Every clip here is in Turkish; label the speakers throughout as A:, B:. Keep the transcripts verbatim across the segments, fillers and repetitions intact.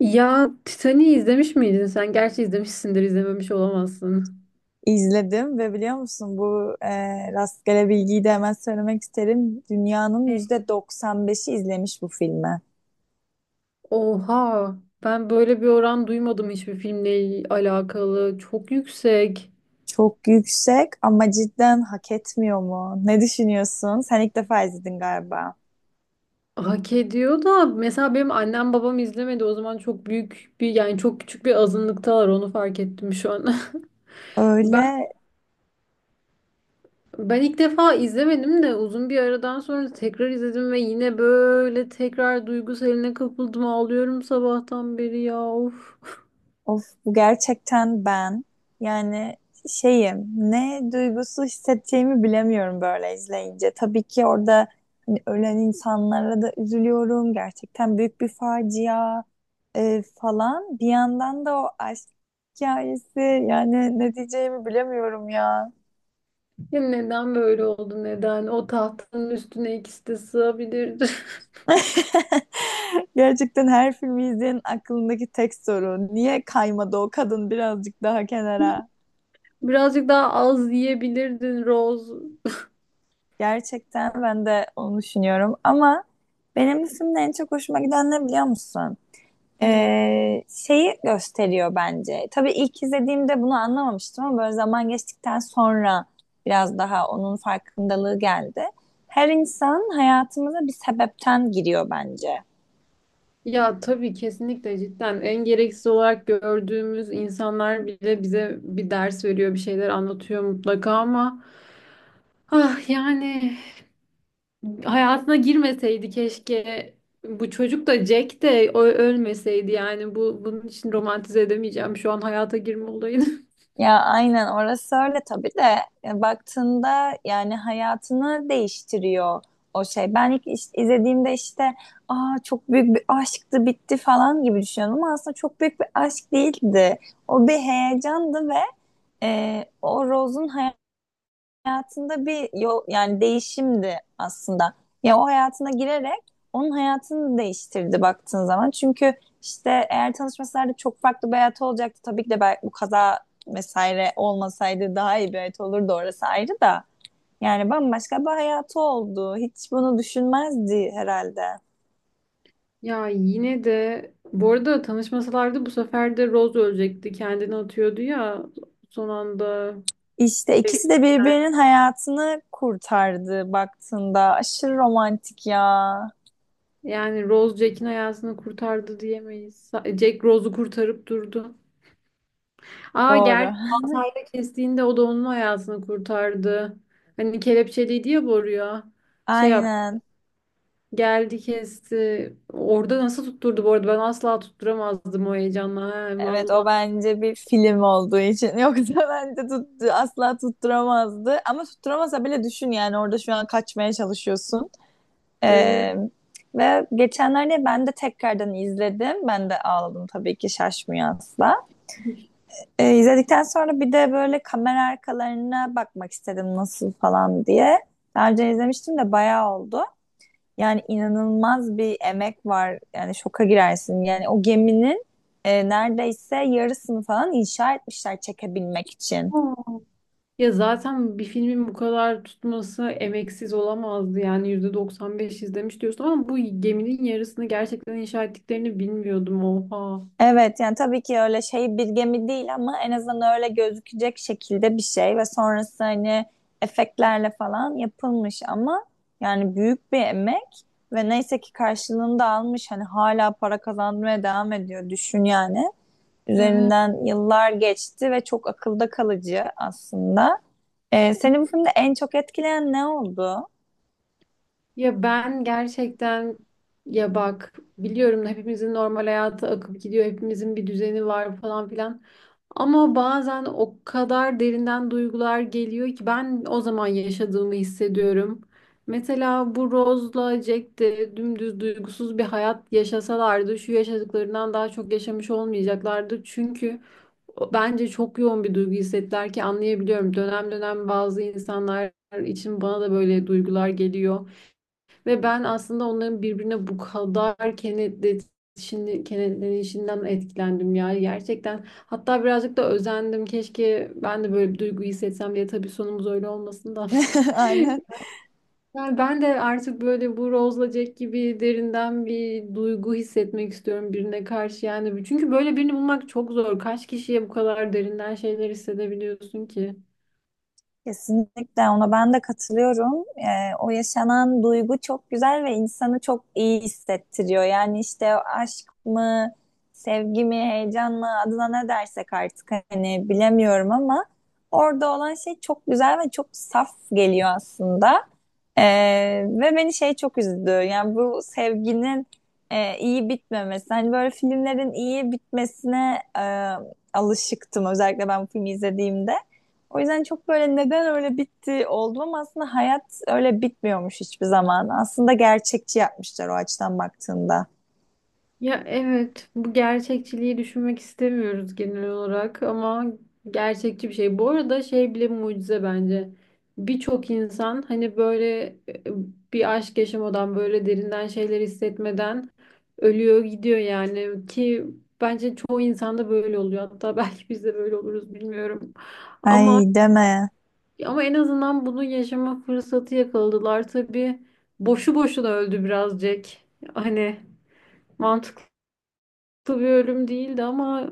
A: Ya Titanic'i izlemiş miydin sen? Gerçi izlemişsindir, izlememiş olamazsın.
B: İzledim ve biliyor musun bu e, rastgele bilgiyi de hemen söylemek isterim. Dünyanın
A: Evet.
B: yüzde doksan beşi izlemiş bu filmi.
A: Oha, ben böyle bir oran duymadım hiçbir filmle alakalı. Çok yüksek.
B: Çok yüksek ama cidden hak etmiyor mu? Ne düşünüyorsun? Sen ilk defa izledin galiba.
A: Hak ediyor da mesela benim annem babam izlemedi. O zaman çok büyük bir yani çok küçük bir azınlıktalar, onu fark ettim şu an. Ben
B: Öyle.
A: ben ilk defa izlemedim de uzun bir aradan sonra tekrar izledim ve yine böyle tekrar duygusaline kapıldım. Ağlıyorum sabahtan beri ya. Of.
B: Of, bu gerçekten ben. Yani şeyim, ne duygusu hissedeceğimi bilemiyorum böyle izleyince. Tabii ki orada hani ölen insanlara da üzülüyorum. Gerçekten büyük bir facia e, falan. Bir yandan da o aşk hikayesi, yani ne diyeceğimi bilemiyorum ya.
A: Ya neden böyle oldu, neden? O tahtanın üstüne ikisi de sığabilirdi.
B: Gerçekten her filmi izleyenin aklındaki tek soru. Niye kaymadı o kadın birazcık daha kenara?
A: Birazcık daha az yiyebilirdin Rose.
B: Gerçekten ben de onu düşünüyorum ama benim bu filmde en çok hoşuma giden ne biliyor musun?
A: Ne?
B: Ee, şeyi gösteriyor bence. Tabii ilk izlediğimde bunu anlamamıştım ama böyle zaman geçtikten sonra biraz daha onun farkındalığı geldi. Her insan hayatımıza bir sebepten giriyor bence.
A: Ya tabii kesinlikle, cidden en gereksiz olarak gördüğümüz insanlar bile bize bir ders veriyor, bir şeyler anlatıyor mutlaka ama ah, yani hayatına girmeseydi keşke, bu çocuk da, Jack de ö- ölmeseydi, yani bu, bunun için romantize edemeyeceğim şu an hayata girme olayını.
B: Ya aynen orası öyle tabii de e, baktığında yani hayatını değiştiriyor o şey. Ben ilk iş- izlediğimde işte aa çok büyük bir aşktı, bitti falan gibi düşünüyordum ama aslında çok büyük bir aşk değildi. O bir heyecandı ve e, o Rose'un hayatında bir yol, yani değişimdi aslında. Ya o hayatına girerek onun hayatını değiştirdi baktığın zaman. Çünkü işte eğer tanışmasalardı çok farklı bir hayatı olacaktı. Tabii ki de belki bu kaza vesaire olmasaydı daha iyi bir hayat olurdu, orası ayrı da. Yani bambaşka bir hayatı oldu. Hiç bunu düşünmezdi herhalde.
A: Ya yine de bu arada tanışmasalardı bu sefer de Rose ölecekti. Kendini atıyordu ya son anda.
B: İşte ikisi de
A: Yani,
B: birbirinin hayatını kurtardı baktığında. Aşırı romantik ya.
A: yani Rose Jack'in hayatını kurtardı diyemeyiz. Sa- Jack Rose'u kurtarıp durdu. Aa
B: Doğru.
A: gerçi baltayla kestiğinde o da onun hayatını kurtardı. Hani kelepçeliydi ya boruya. Şey yap,
B: Aynen.
A: geldi kesti. Orada nasıl tutturdu bu arada? Ben asla tutturamazdım o heyecanla. He,
B: Evet, o
A: vallahi.
B: bence bir film olduğu için. Yoksa bence tuttu, asla tutturamazdı. Ama tutturamasa bile düşün, yani orada şu an kaçmaya çalışıyorsun.
A: Evet.
B: Ee, Ve geçenlerde ben de tekrardan izledim. Ben de ağladım tabii ki, şaşmıyor asla. Ee, izledikten sonra bir de böyle kamera arkalarına bakmak istedim nasıl falan diye. Daha önce izlemiştim de bayağı oldu. Yani inanılmaz bir emek var. Yani şoka girersin. Yani o geminin e, neredeyse yarısını falan inşa etmişler çekebilmek için.
A: Ya zaten bir filmin bu kadar tutması emeksiz olamazdı. Yani yüzde doksan beş izlemiş diyorsun ama bu geminin yarısını gerçekten inşa ettiklerini bilmiyordum. Oha.
B: Evet, yani tabii ki öyle şey bir gemi değil ama en azından öyle gözükecek şekilde bir şey ve sonrası hani efektlerle falan yapılmış ama yani büyük bir emek ve neyse ki karşılığını da almış, hani hala para kazanmaya devam ediyor, düşün yani. Üzerinden yıllar geçti ve çok akılda kalıcı aslında. Ee, seni bu filmde en çok etkileyen ne oldu?
A: Ya ben gerçekten, ya bak, biliyorum hepimizin normal hayatı akıp gidiyor. Hepimizin bir düzeni var falan filan. Ama bazen o kadar derinden duygular geliyor ki ben o zaman yaşadığımı hissediyorum. Mesela bu Rose'la Jack de dümdüz duygusuz bir hayat yaşasalardı şu yaşadıklarından daha çok yaşamış olmayacaklardı. Çünkü o- bence çok yoğun bir duygu hissettiler ki anlayabiliyorum. Dönem dönem bazı insanlar için bana da böyle duygular geliyor. Ve ben aslında onların birbirine bu kadar kenetlenişini, kenetlenişinden etkilendim ya gerçekten. Hatta birazcık da özendim. Keşke ben de böyle bir duygu hissetsem diye. Tabii sonumuz öyle olmasın da.
B: Aynen.
A: Yani ben de artık böyle bu Rose'la Jack gibi derinden bir duygu hissetmek istiyorum birine karşı yani. Çünkü böyle birini bulmak çok zor. Kaç kişiye bu kadar derinden şeyler hissedebiliyorsun ki?
B: Kesinlikle ona ben de katılıyorum. Ee, o yaşanan duygu çok güzel ve insanı çok iyi hissettiriyor. Yani işte aşk mı, sevgi mi, heyecan mı, adına ne dersek artık hani bilemiyorum ama orada olan şey çok güzel ve çok saf geliyor aslında. Ee, Ve beni şey çok üzdü. Yani bu sevginin e, iyi bitmemesi. Hani böyle filmlerin iyi bitmesine e, alışıktım özellikle ben bu filmi izlediğimde. O yüzden çok böyle neden öyle bitti oldum ama aslında hayat öyle bitmiyormuş hiçbir zaman. Aslında gerçekçi yapmışlar o açıdan baktığında.
A: Ya evet, bu gerçekçiliği düşünmek istemiyoruz genel olarak ama gerçekçi bir şey. Bu arada şey bile mucize bence. Birçok insan hani böyle e, bir aşk yaşamadan, böyle derinden şeyler hissetmeden ölüyor gidiyor yani, ki bence çoğu insanda böyle oluyor. Hatta belki biz de böyle oluruz, bilmiyorum.
B: Ay,
A: Ama
B: deme.
A: ama en azından bunu yaşama fırsatı yakaladılar. Tabii boşu boşuna öldü birazcık. Hani mantıklı. Tabii bir ölüm değildi ama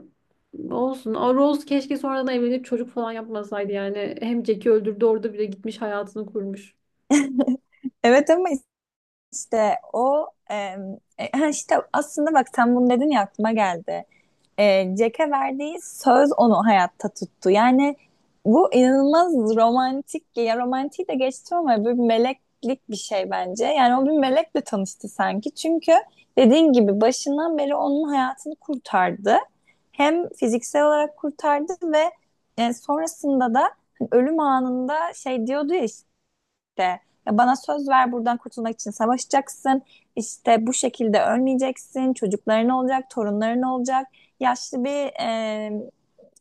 A: olsun. A, Rose keşke sonradan evlenip çocuk falan yapmasaydı yani. Hem Jack'i öldürdü, orada bile gitmiş hayatını kurmuş.
B: Evet ama işte o em, e, ha işte aslında bak sen bunu dedin ya, aklıma geldi. e, Jack'e verdiği söz onu hayatta tuttu. Yani bu inanılmaz romantik, ya romantiği de geçtim ama bir meleklik bir şey bence. Yani o bir melekle tanıştı sanki. Çünkü dediğin gibi başından beri onun hayatını kurtardı. Hem fiziksel olarak kurtardı ve e, sonrasında da hani ölüm anında şey diyordu ya işte de, "Ya bana söz ver, buradan kurtulmak için savaşacaksın. İşte bu şekilde ölmeyeceksin. Çocukların olacak, torunların olacak. Yaşlı bir e,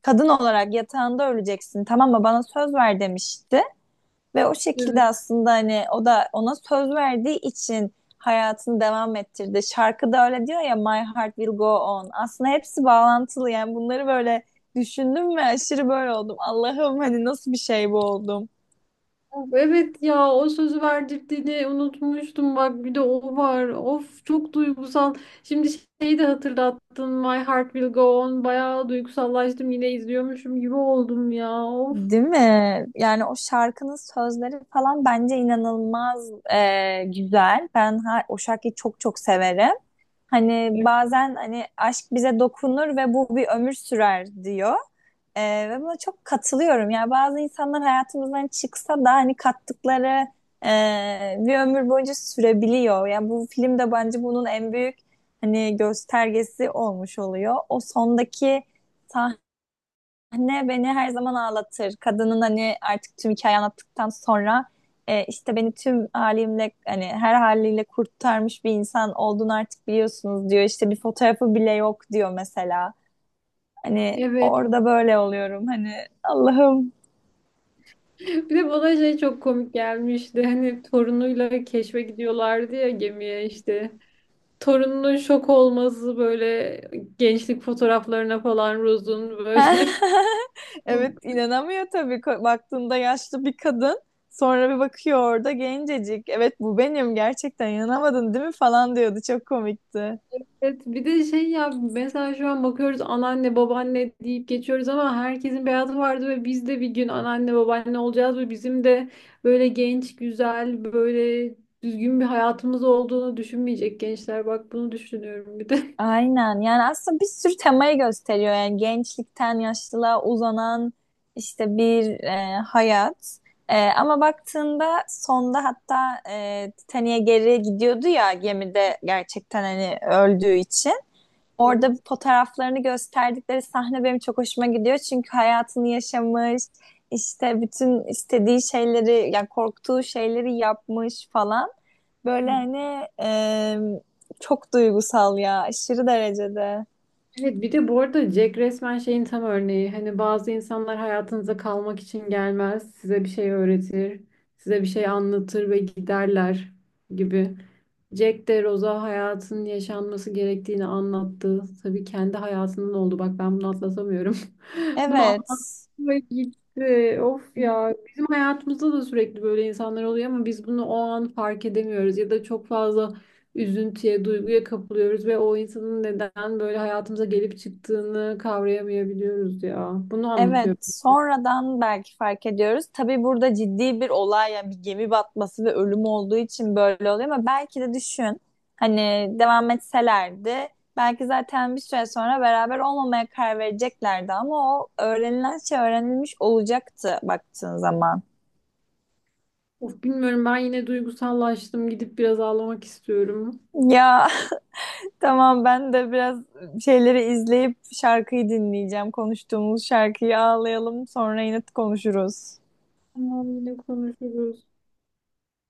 B: kadın olarak yatağında öleceksin. Tamam mı? Bana söz ver," demişti. Ve o şekilde
A: Evet.
B: aslında hani o da ona söz verdiği için hayatını devam ettirdi. Şarkıda öyle diyor ya, My Heart Will Go On. Aslında hepsi bağlantılı, yani bunları böyle düşündüm ve aşırı böyle oldum. Allah'ım hani nasıl bir şey bu, oldum.
A: Of, evet ya, o sözü verdirdiğini unutmuştum, bak bir de o var. Of, çok duygusal. Şimdi şeyi de hatırlattın, My Heart Will Go On. Bayağı duygusallaştım, yine izliyormuşum gibi oldum ya. Of.
B: Değil mi? Yani o şarkının sözleri falan bence inanılmaz e, güzel. Ben ha- o şarkıyı çok çok severim. Hani bazen hani aşk bize dokunur ve bu bir ömür sürer diyor. E, Ve buna çok katılıyorum. Yani bazı insanlar hayatımızdan çıksa da hani kattıkları e, bir ömür boyunca sürebiliyor. Yani bu film de bence bunun en büyük hani göstergesi olmuş oluyor. O sondaki Anne beni her zaman ağlatır. Kadının hani artık tüm hikaye anlattıktan sonra e, işte, "Beni tüm halimle, hani her haliyle kurtarmış bir insan olduğunu artık biliyorsunuz," diyor. "İşte bir fotoğrafı bile yok," diyor mesela. Hani
A: Evet.
B: orada böyle oluyorum, hani Allah'ım.
A: Bir de bana şey çok komik gelmişti. Hani torunuyla keşfe gidiyorlardı ya gemiye işte. Torununun şok olması, böyle gençlik fotoğraflarına falan Rose'un böyle.
B: Evet, inanamıyor tabii. Ko- baktığında yaşlı bir kadın, sonra bir bakıyor orada gencecik. Evet, bu benim gerçekten, inanamadın değil mi falan diyordu, çok komikti.
A: Evet, bir de şey ya, mesela şu an bakıyoruz anneanne babaanne deyip geçiyoruz ama herkesin beyazı vardı ve biz de bir gün anneanne babaanne olacağız ve bizim de böyle genç güzel, böyle düzgün bir hayatımız olduğunu düşünmeyecek gençler, bak bunu düşünüyorum bir de.
B: Aynen, yani aslında bir sürü temayı gösteriyor, yani gençlikten yaşlılığa uzanan işte bir e, hayat. E, ama baktığında sonda hatta e, Titanic'e geri gidiyordu ya gemide, gerçekten hani öldüğü için orada fotoğraflarını gösterdikleri sahne benim çok hoşuma gidiyor, çünkü hayatını yaşamış, işte bütün istediği şeyleri, yani korktuğu şeyleri yapmış falan. Böyle
A: Evet.
B: hani e, çok duygusal ya, aşırı derecede.
A: Evet bir de bu arada Jack resmen şeyin tam örneği. Hani bazı insanlar hayatınıza kalmak için gelmez. Size bir şey öğretir, size bir şey anlatır ve giderler gibi. Jack de Rose'a hayatın yaşanması gerektiğini anlattı. Tabii kendi hayatının oldu. Bak ben bunu atlatamıyorum. Bunu
B: Evet.
A: anlatma gitti. Of ya. Bizim hayatımızda da sürekli böyle insanlar oluyor ama biz bunu o an fark edemiyoruz ya da çok fazla üzüntüye, duyguya kapılıyoruz ve o insanın neden böyle hayatımıza gelip çıktığını kavrayamayabiliyoruz ya. Bunu
B: Evet,
A: anlatıyor.
B: sonradan belki fark ediyoruz. Tabii burada ciddi bir olay, yani bir gemi batması ve ölüm olduğu için böyle oluyor ama belki de düşün. Hani devam etselerdi belki zaten bir süre sonra beraber olmamaya karar vereceklerdi ama o öğrenilen şey öğrenilmiş olacaktı baktığın zaman.
A: Of bilmiyorum, ben yine duygusallaştım. Gidip biraz ağlamak istiyorum.
B: Ya, tamam ben de biraz şeyleri izleyip şarkıyı dinleyeceğim. Konuştuğumuz şarkıyı, ağlayalım sonra yine konuşuruz.
A: Tamam, yine konuşuruz.